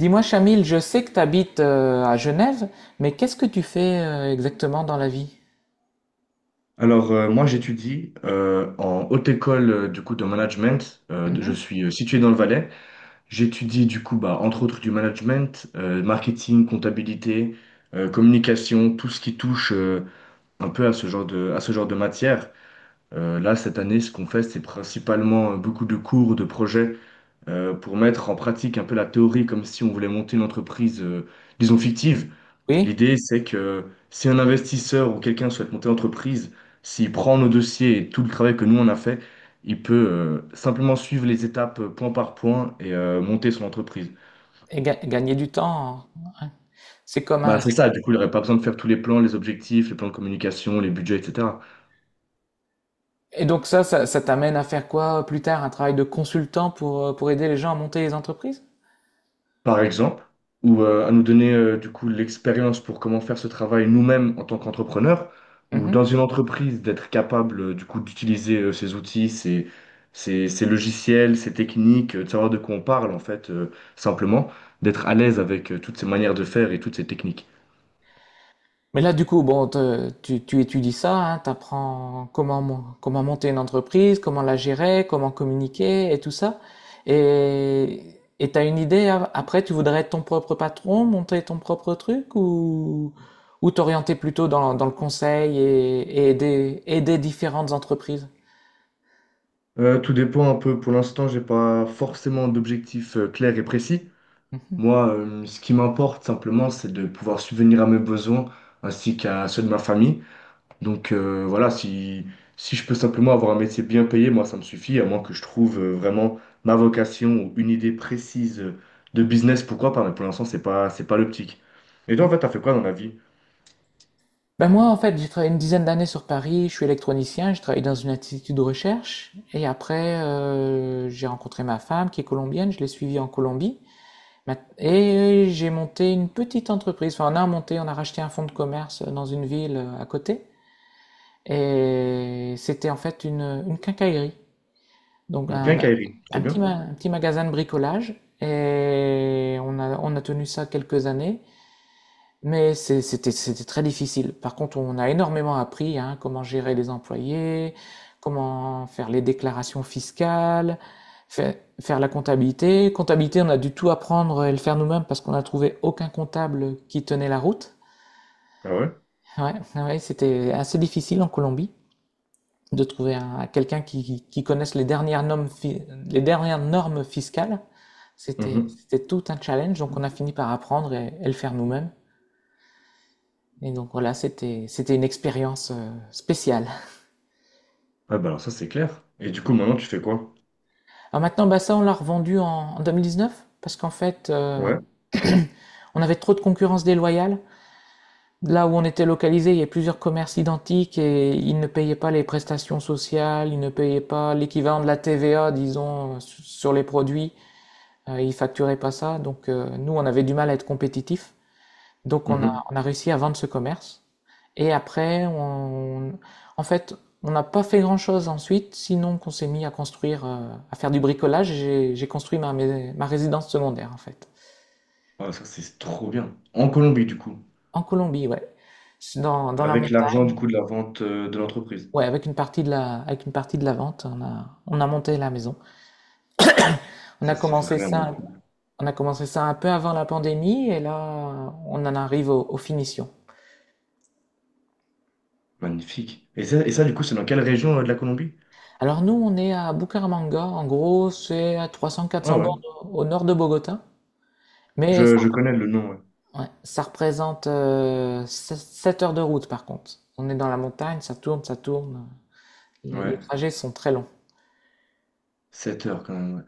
Dis-moi, Chamil, je sais que tu habites à Genève, mais qu'est-ce que tu fais exactement dans la vie? Alors, moi, j'étudie en haute école du coup de management. Je Mhm. suis situé dans le Valais. J'étudie du coup, bah, entre autres, du management, marketing, comptabilité, communication, tout ce qui touche un peu à ce genre de matière. Là, cette année, ce qu'on fait, c'est principalement beaucoup de cours, de projets pour mettre en pratique un peu la théorie, comme si on voulait monter une entreprise, disons, fictive. Oui, L'idée, c'est que si un investisseur ou quelqu'un souhaite monter l'entreprise, s'il prend nos dossiers et tout le travail que nous on a fait, il peut simplement suivre les étapes point par point et monter son entreprise. et gagner du temps, hein. Ouais. C'est comme Bah, un. c'est ça, du coup, il n'aurait pas besoin de faire tous les plans, les objectifs, les plans de communication, les budgets, etc. Et donc ça t'amène à faire quoi plus tard? Un travail de consultant pour aider les gens à monter les entreprises? Par exemple, ou à nous donner du coup l'expérience pour comment faire ce travail nous-mêmes en tant qu'entrepreneurs, ou dans une entreprise d'être capable du coup d'utiliser ces outils, ces logiciels, ces techniques, de savoir de quoi on parle en fait, simplement, d'être à l'aise avec toutes ces manières de faire et toutes ces techniques. Mais là, du coup, bon, tu étudies ça, hein, t'apprends comment, comment monter une entreprise, comment la gérer, comment communiquer et tout ça. Et t'as une idée, après, tu voudrais être ton propre patron, monter ton propre truc ou t'orienter plutôt dans le conseil et aider différentes entreprises? Tout dépend un peu. Pour l'instant, j'ai pas forcément d'objectif clair et précis. Mhm. Moi, ce qui m'importe simplement, c'est de pouvoir subvenir à mes besoins ainsi qu'à ceux de ma famille. Donc voilà, si, si je peux simplement avoir un métier bien payé, moi ça me suffit, à moins que je trouve vraiment ma vocation ou une idée précise de business, pourquoi pas, mais pour l'instant c'est pas l'optique. Et toi Ouais. en fait, t'as fait quoi dans la vie? Ben moi, en fait, j'ai travaillé une dizaine d'années sur Paris, je suis électronicien, je travaille dans une institut de recherche et après, j'ai rencontré ma femme qui est colombienne, je l'ai suivie en Colombie. Et j'ai monté une petite entreprise. Enfin, on a monté, on a racheté un fonds de commerce dans une ville à côté. Et c'était en fait une quincaillerie. Donc, Donc un, quincaillerie, trop un petit, bien. ma- un petit magasin de bricolage. Et on a tenu ça quelques années. Mais c'était très difficile. Par contre, on a énormément appris, hein, comment gérer les employés, comment faire les déclarations fiscales, fa- faire la comptabilité. Comptabilité, on a dû tout apprendre et le faire nous-mêmes parce qu'on n'a trouvé aucun comptable qui tenait la route. Ah ouais? Ouais, ouais, c'était assez difficile en Colombie de trouver quelqu'un qui connaisse les dernières normes fiscales. C'était Mhm. c'était tout un challenge, donc on a fini par apprendre et le faire nous-mêmes. Et donc voilà, c'était une expérience spéciale. Ah bah alors ça c'est clair. Et du coup maintenant tu fais quoi? Alors maintenant, bah ça, on l'a revendu en 2019 parce qu'en fait, Ouais. on avait trop de concurrence déloyale. Là où on était localisé, il y avait plusieurs commerces identiques et ils ne payaient pas les prestations sociales, ils ne payaient pas l'équivalent de la TVA, disons, sur les produits. Ils facturaient pas ça. Donc nous, on avait du mal à être compétitifs. Donc on a Mhm. on a réussi à vendre ce commerce. Et après, en fait, on n'a pas fait grand-chose ensuite, sinon qu'on s'est mis à construire, à faire du bricolage. J'ai construit ma résidence secondaire, en fait. Ah ça c'est trop bien. En Colombie du coup, En Colombie, ouais. C'est dans la avec l'argent du montagne. coup de la vente de l'entreprise. Ouais, avec une partie de la, avec une partie de la vente, on a monté la maison. On a Ça c'est commencé vraiment ça, cool. on a commencé ça un peu avant la pandémie, et là, on en arrive aux finitions. Magnifique. Et ça du coup c'est dans quelle région de la Colombie? Alors nous, on est à Bucaramanga. En gros, c'est à Ouais, 300-400 ouais, bornes au nord de Bogota. Mais ça. je connais le nom. Ouais. Ouais, ça représente heures de route par contre. On est dans la montagne, ça tourne, ça tourne. Les Ouais, trajets sont très longs. 7 heures quand même. Ouais.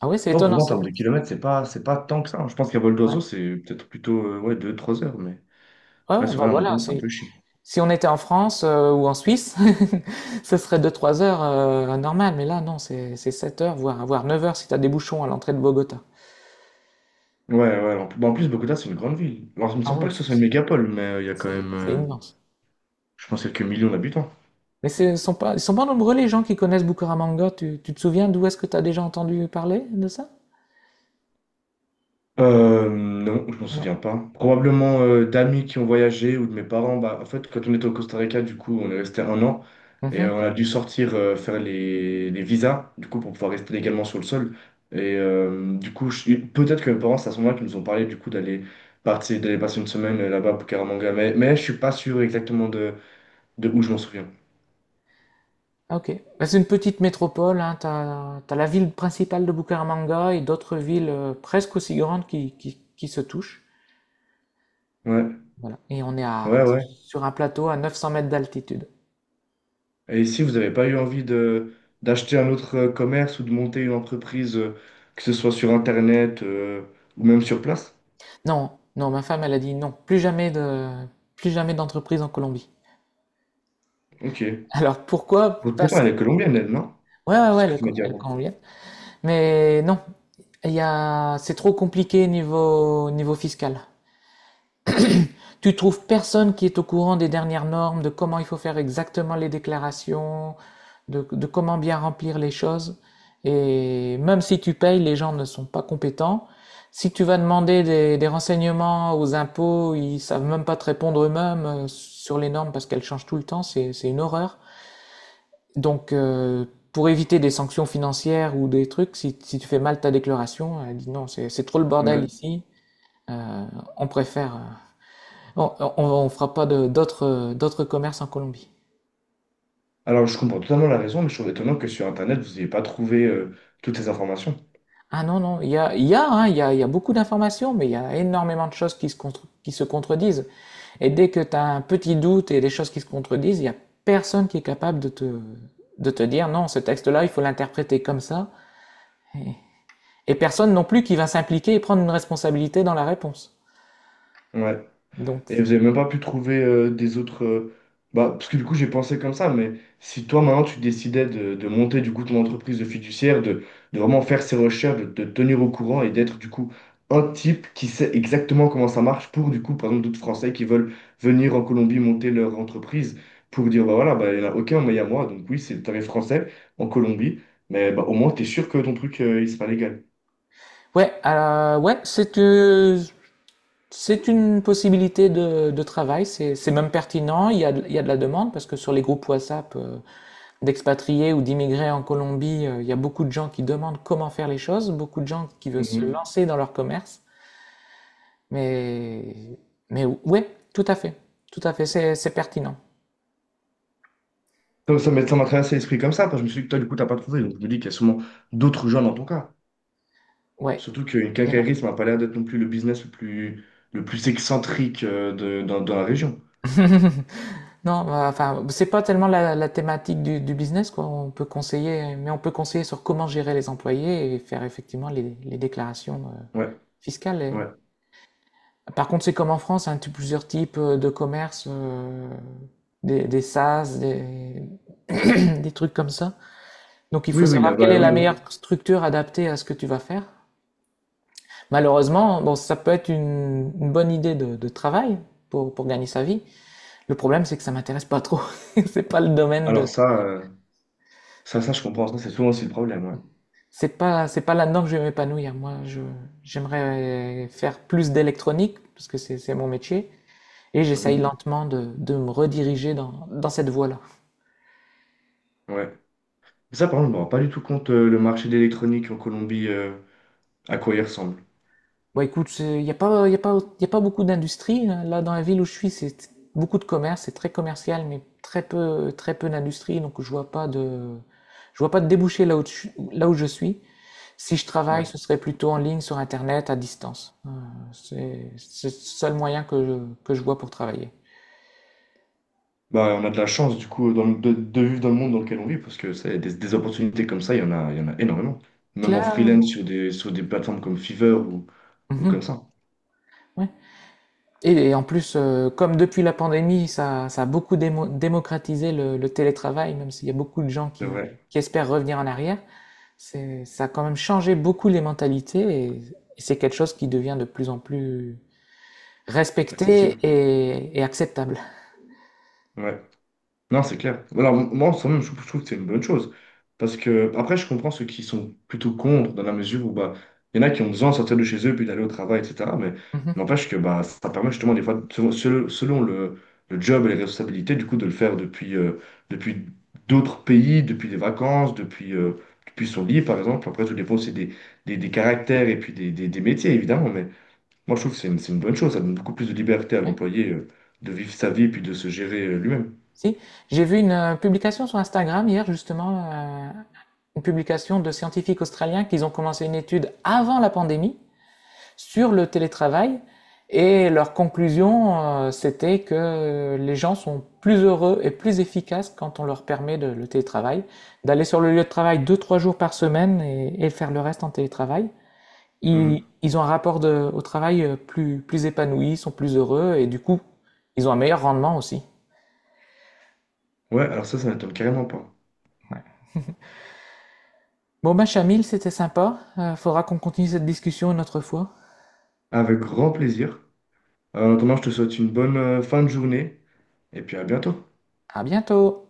Ah oui, c'est Bon, étonnant. pourtant, en termes de kilomètres, c'est pas tant que ça, hein. Je pense qu'à vol Ouais, d'oiseau, c'est peut-être plutôt ouais, deux trois heures. Mais ouais, ouais, ouais, bah souvent, la voilà. montagne, c'est un peu chiant. Si on était en France ou en Suisse, ce serait 2-3 heures normal. Mais là, non, c'est 7 heures, voire 9 heures si tu as des bouchons à l'entrée de Bogota. Ouais, ouais. Bon, en plus, Bogota, c'est une grande ville. Alors, il me Ah semble pas oui, que ce soit une c'est mégapole, mais il y a quand c'est- même, c'est immense. je pense, quelques millions d'habitants. Mais ce sont pas, ils sont pas nombreux les gens qui connaissent Bucaramanga. Tu te souviens d'où est-ce que tu as déjà entendu parler de ça? Non, je m'en Non. souviens pas. Probablement d'amis qui ont voyagé ou de mes parents. Bah, en fait, quand on était au Costa Rica, du coup, on est resté un an et Mhm. on a dû sortir faire les visas, du coup, pour pouvoir rester légalement sur le sol. Et du coup, peut-être que mes parents, c'est à ce moment-là qu'ils nous ont parlé, du coup, d'aller partir, d'aller passer une semaine là-bas pour Caramanga. Mais je suis pas sûr exactement de où je m'en souviens. Ah, ok. Bah, c'est une petite métropole, hein. T'as la ville principale de Bucaramanga et d'autres villes presque aussi grandes qui se touchent. Ouais, Voilà. Et on est ouais, ouais. sur un plateau à 900 mètres d'altitude. Et si vous n'avez pas eu envie de d'acheter un autre commerce ou de monter une entreprise, que ce soit sur Internet ou même sur place? Non, non, ma femme, elle a dit non, plus jamais d'entreprise en Colombie. Ok. Alors pourquoi? Votre maman, elle est colombienne, elle, non? Ouais, ouais, C'est ouais, ce que tu m'as dit elle est avant. colombienne. Mais non, c'est trop compliqué niveau fiscal. Tu trouves personne qui est au courant des dernières normes, de comment il faut faire exactement les déclarations, de comment bien remplir les choses. Et même si tu payes, les gens ne sont pas compétents. Si tu vas demander des renseignements aux impôts, ils savent même pas te répondre eux-mêmes sur les normes parce qu'elles changent tout le temps, c'est une horreur. Donc, pour éviter des sanctions financières ou des trucs, si tu fais mal ta déclaration, elle dit non, c'est trop le bordel Ouais. ici, euh, on préfère bon, on fera pas d'autres commerces en Colombie. Alors, je comprends totalement la raison, mais je trouve étonnant que sur Internet, vous n'ayez pas trouvé toutes ces informations. Ah non, non, hein, il y a beaucoup d'informations, mais il y a énormément de choses qui se contredisent. Et dès que tu as un petit doute et des choses qui se contredisent, il y a personne qui est capable de te dire non, ce texte-là, il faut l'interpréter comme ça. Et, et personne non plus qui va s'impliquer et prendre une responsabilité dans la réponse. Ouais. Donc, Et vous avez même pas pu trouver des autres. Bah, parce que du coup, j'ai pensé comme ça, mais si toi, maintenant, tu décidais de monter du coup ton entreprise de fiduciaire, de vraiment faire ses recherches, de te tenir au courant et d'être du coup un type qui sait exactement comment ça marche pour du coup, par exemple, d'autres Français qui veulent venir en Colombie monter leur entreprise pour dire, bah voilà, bah, il n'y en a aucun, mais il y a moi. Donc oui, c'est le tarif français en Colombie, mais bah, au moins, tu es sûr que ton truc, il sera légal. ouais, ouais, c'est une possibilité de travail, c'est même pertinent, il y a de la demande parce que sur les groupes WhatsApp d'expatriés ou d'immigrés en Colombie, il y a beaucoup de gens qui demandent comment faire les choses, beaucoup de gens qui veulent se Mmh. lancer dans leur commerce. Mais, mais ouais, tout à fait, c'est pertinent. Donc, ça m'a traversé l'esprit comme ça, parce que je me suis dit que toi, du coup, t'as pas trouvé. Donc, je me dis qu'il y a sûrement d'autres gens dans ton cas. Ouais, Surtout qu'une il y en a. quincaillerie, ça m'a pas l'air d'être non plus le business le plus excentrique dans la région. Non, enfin, c'est pas tellement la thématique du business, quoi. On peut conseiller, mais on peut conseiller sur comment gérer les employés et faire effectivement les déclarations Ouais, fiscales. Ouais. Par contre, c'est comme en France, hein, tu as plusieurs types de commerces, des SAS, des trucs comme ça. Donc, il Oui, faut oui, savoir quelle là-bas, est oui, la oui. meilleure structure adaptée à ce que tu vas faire. Malheureusement, bon, ça peut être une bonne idée de travail pour gagner sa vie. Le problème, c'est que ça m'intéresse pas trop. C'est pas le domaine Alors, de ça, je comprends. Ça, c'est souvent aussi le problème, ouais. C'est pas là-dedans que je vais m'épanouir. Moi, j'aimerais faire plus d'électronique, parce que c'est mon métier, et j'essaye Mhm. lentement de me rediriger dans cette voie-là. Ouais. Mais ça, par contre, je me rends pas du tout compte le marché d'électronique en Colombie, à quoi il ressemble. Bon, écoute, il n'y a pas, y a pas, y a pas beaucoup d'industrie, hein. Là, dans la ville où je suis, c'est beaucoup de commerce, c'est très commercial, mais très peu d'industrie, donc je vois pas de débouché là où je suis. Si je Ouais. travaille, ce serait plutôt en ligne, sur Internet, à distance. C'est le seul moyen que je vois pour travailler. Bah, on a de la chance du coup de vivre dans le monde dans lequel on vit parce que ça des opportunités comme ça, il y en a, il y en a énormément. Même en freelance Clairement. Sur des plateformes comme Fiverr ou Mmh. comme ça. Ouais, et en plus, comme depuis la pandémie, ça a beaucoup démocratisé le télétravail, même s'il y a beaucoup de gens C'est qui vrai, qui espèrent revenir en arrière, c'est ça a quand même changé beaucoup les mentalités et et c'est quelque chose qui devient de plus en plus respecté accessible. et acceptable. Ouais. Non, c'est clair. Alors moi, en soi même, je trouve que c'est une bonne chose. Parce que, après, je comprends ceux qui sont plutôt contre, dans la mesure où, bah, il y en a qui ont besoin de sortir de chez eux, puis d'aller au travail, etc. Mais Mmh. n'empêche que, bah, ça permet justement, des fois, selon le job et les responsabilités, du coup, de le faire depuis, depuis d'autres pays, depuis des vacances, depuis, depuis son lit, par exemple. Après, tout dépend aussi des caractères et puis des métiers, évidemment. Mais moi, je trouve que c'est une bonne chose. Ça donne beaucoup plus de liberté à Ouais. l'employé, de vivre sa vie, puis de se gérer, lui-même. Si, j'ai vu publication sur Instagram hier justement, heu, une publication de scientifiques australiens qu'ils ont commencé une étude avant la pandémie sur le télétravail. Et leur conclusion, c'était que les gens sont plus heureux et plus efficaces quand on leur permet le télétravail, d'aller sur le lieu de travail 2-3 jours par semaine et faire le reste en télétravail. Ils ont un rapport au travail plus épanoui, sont plus heureux et du coup, ils ont un meilleur rendement aussi. Ouais, alors ça m'étonne carrément pas. Bon, bah, Chamil, c'était sympa. Faudra qu'on continue cette discussion une autre fois. Avec grand plaisir. En attendant, je te souhaite une bonne fin de journée et puis à bientôt. À bientôt!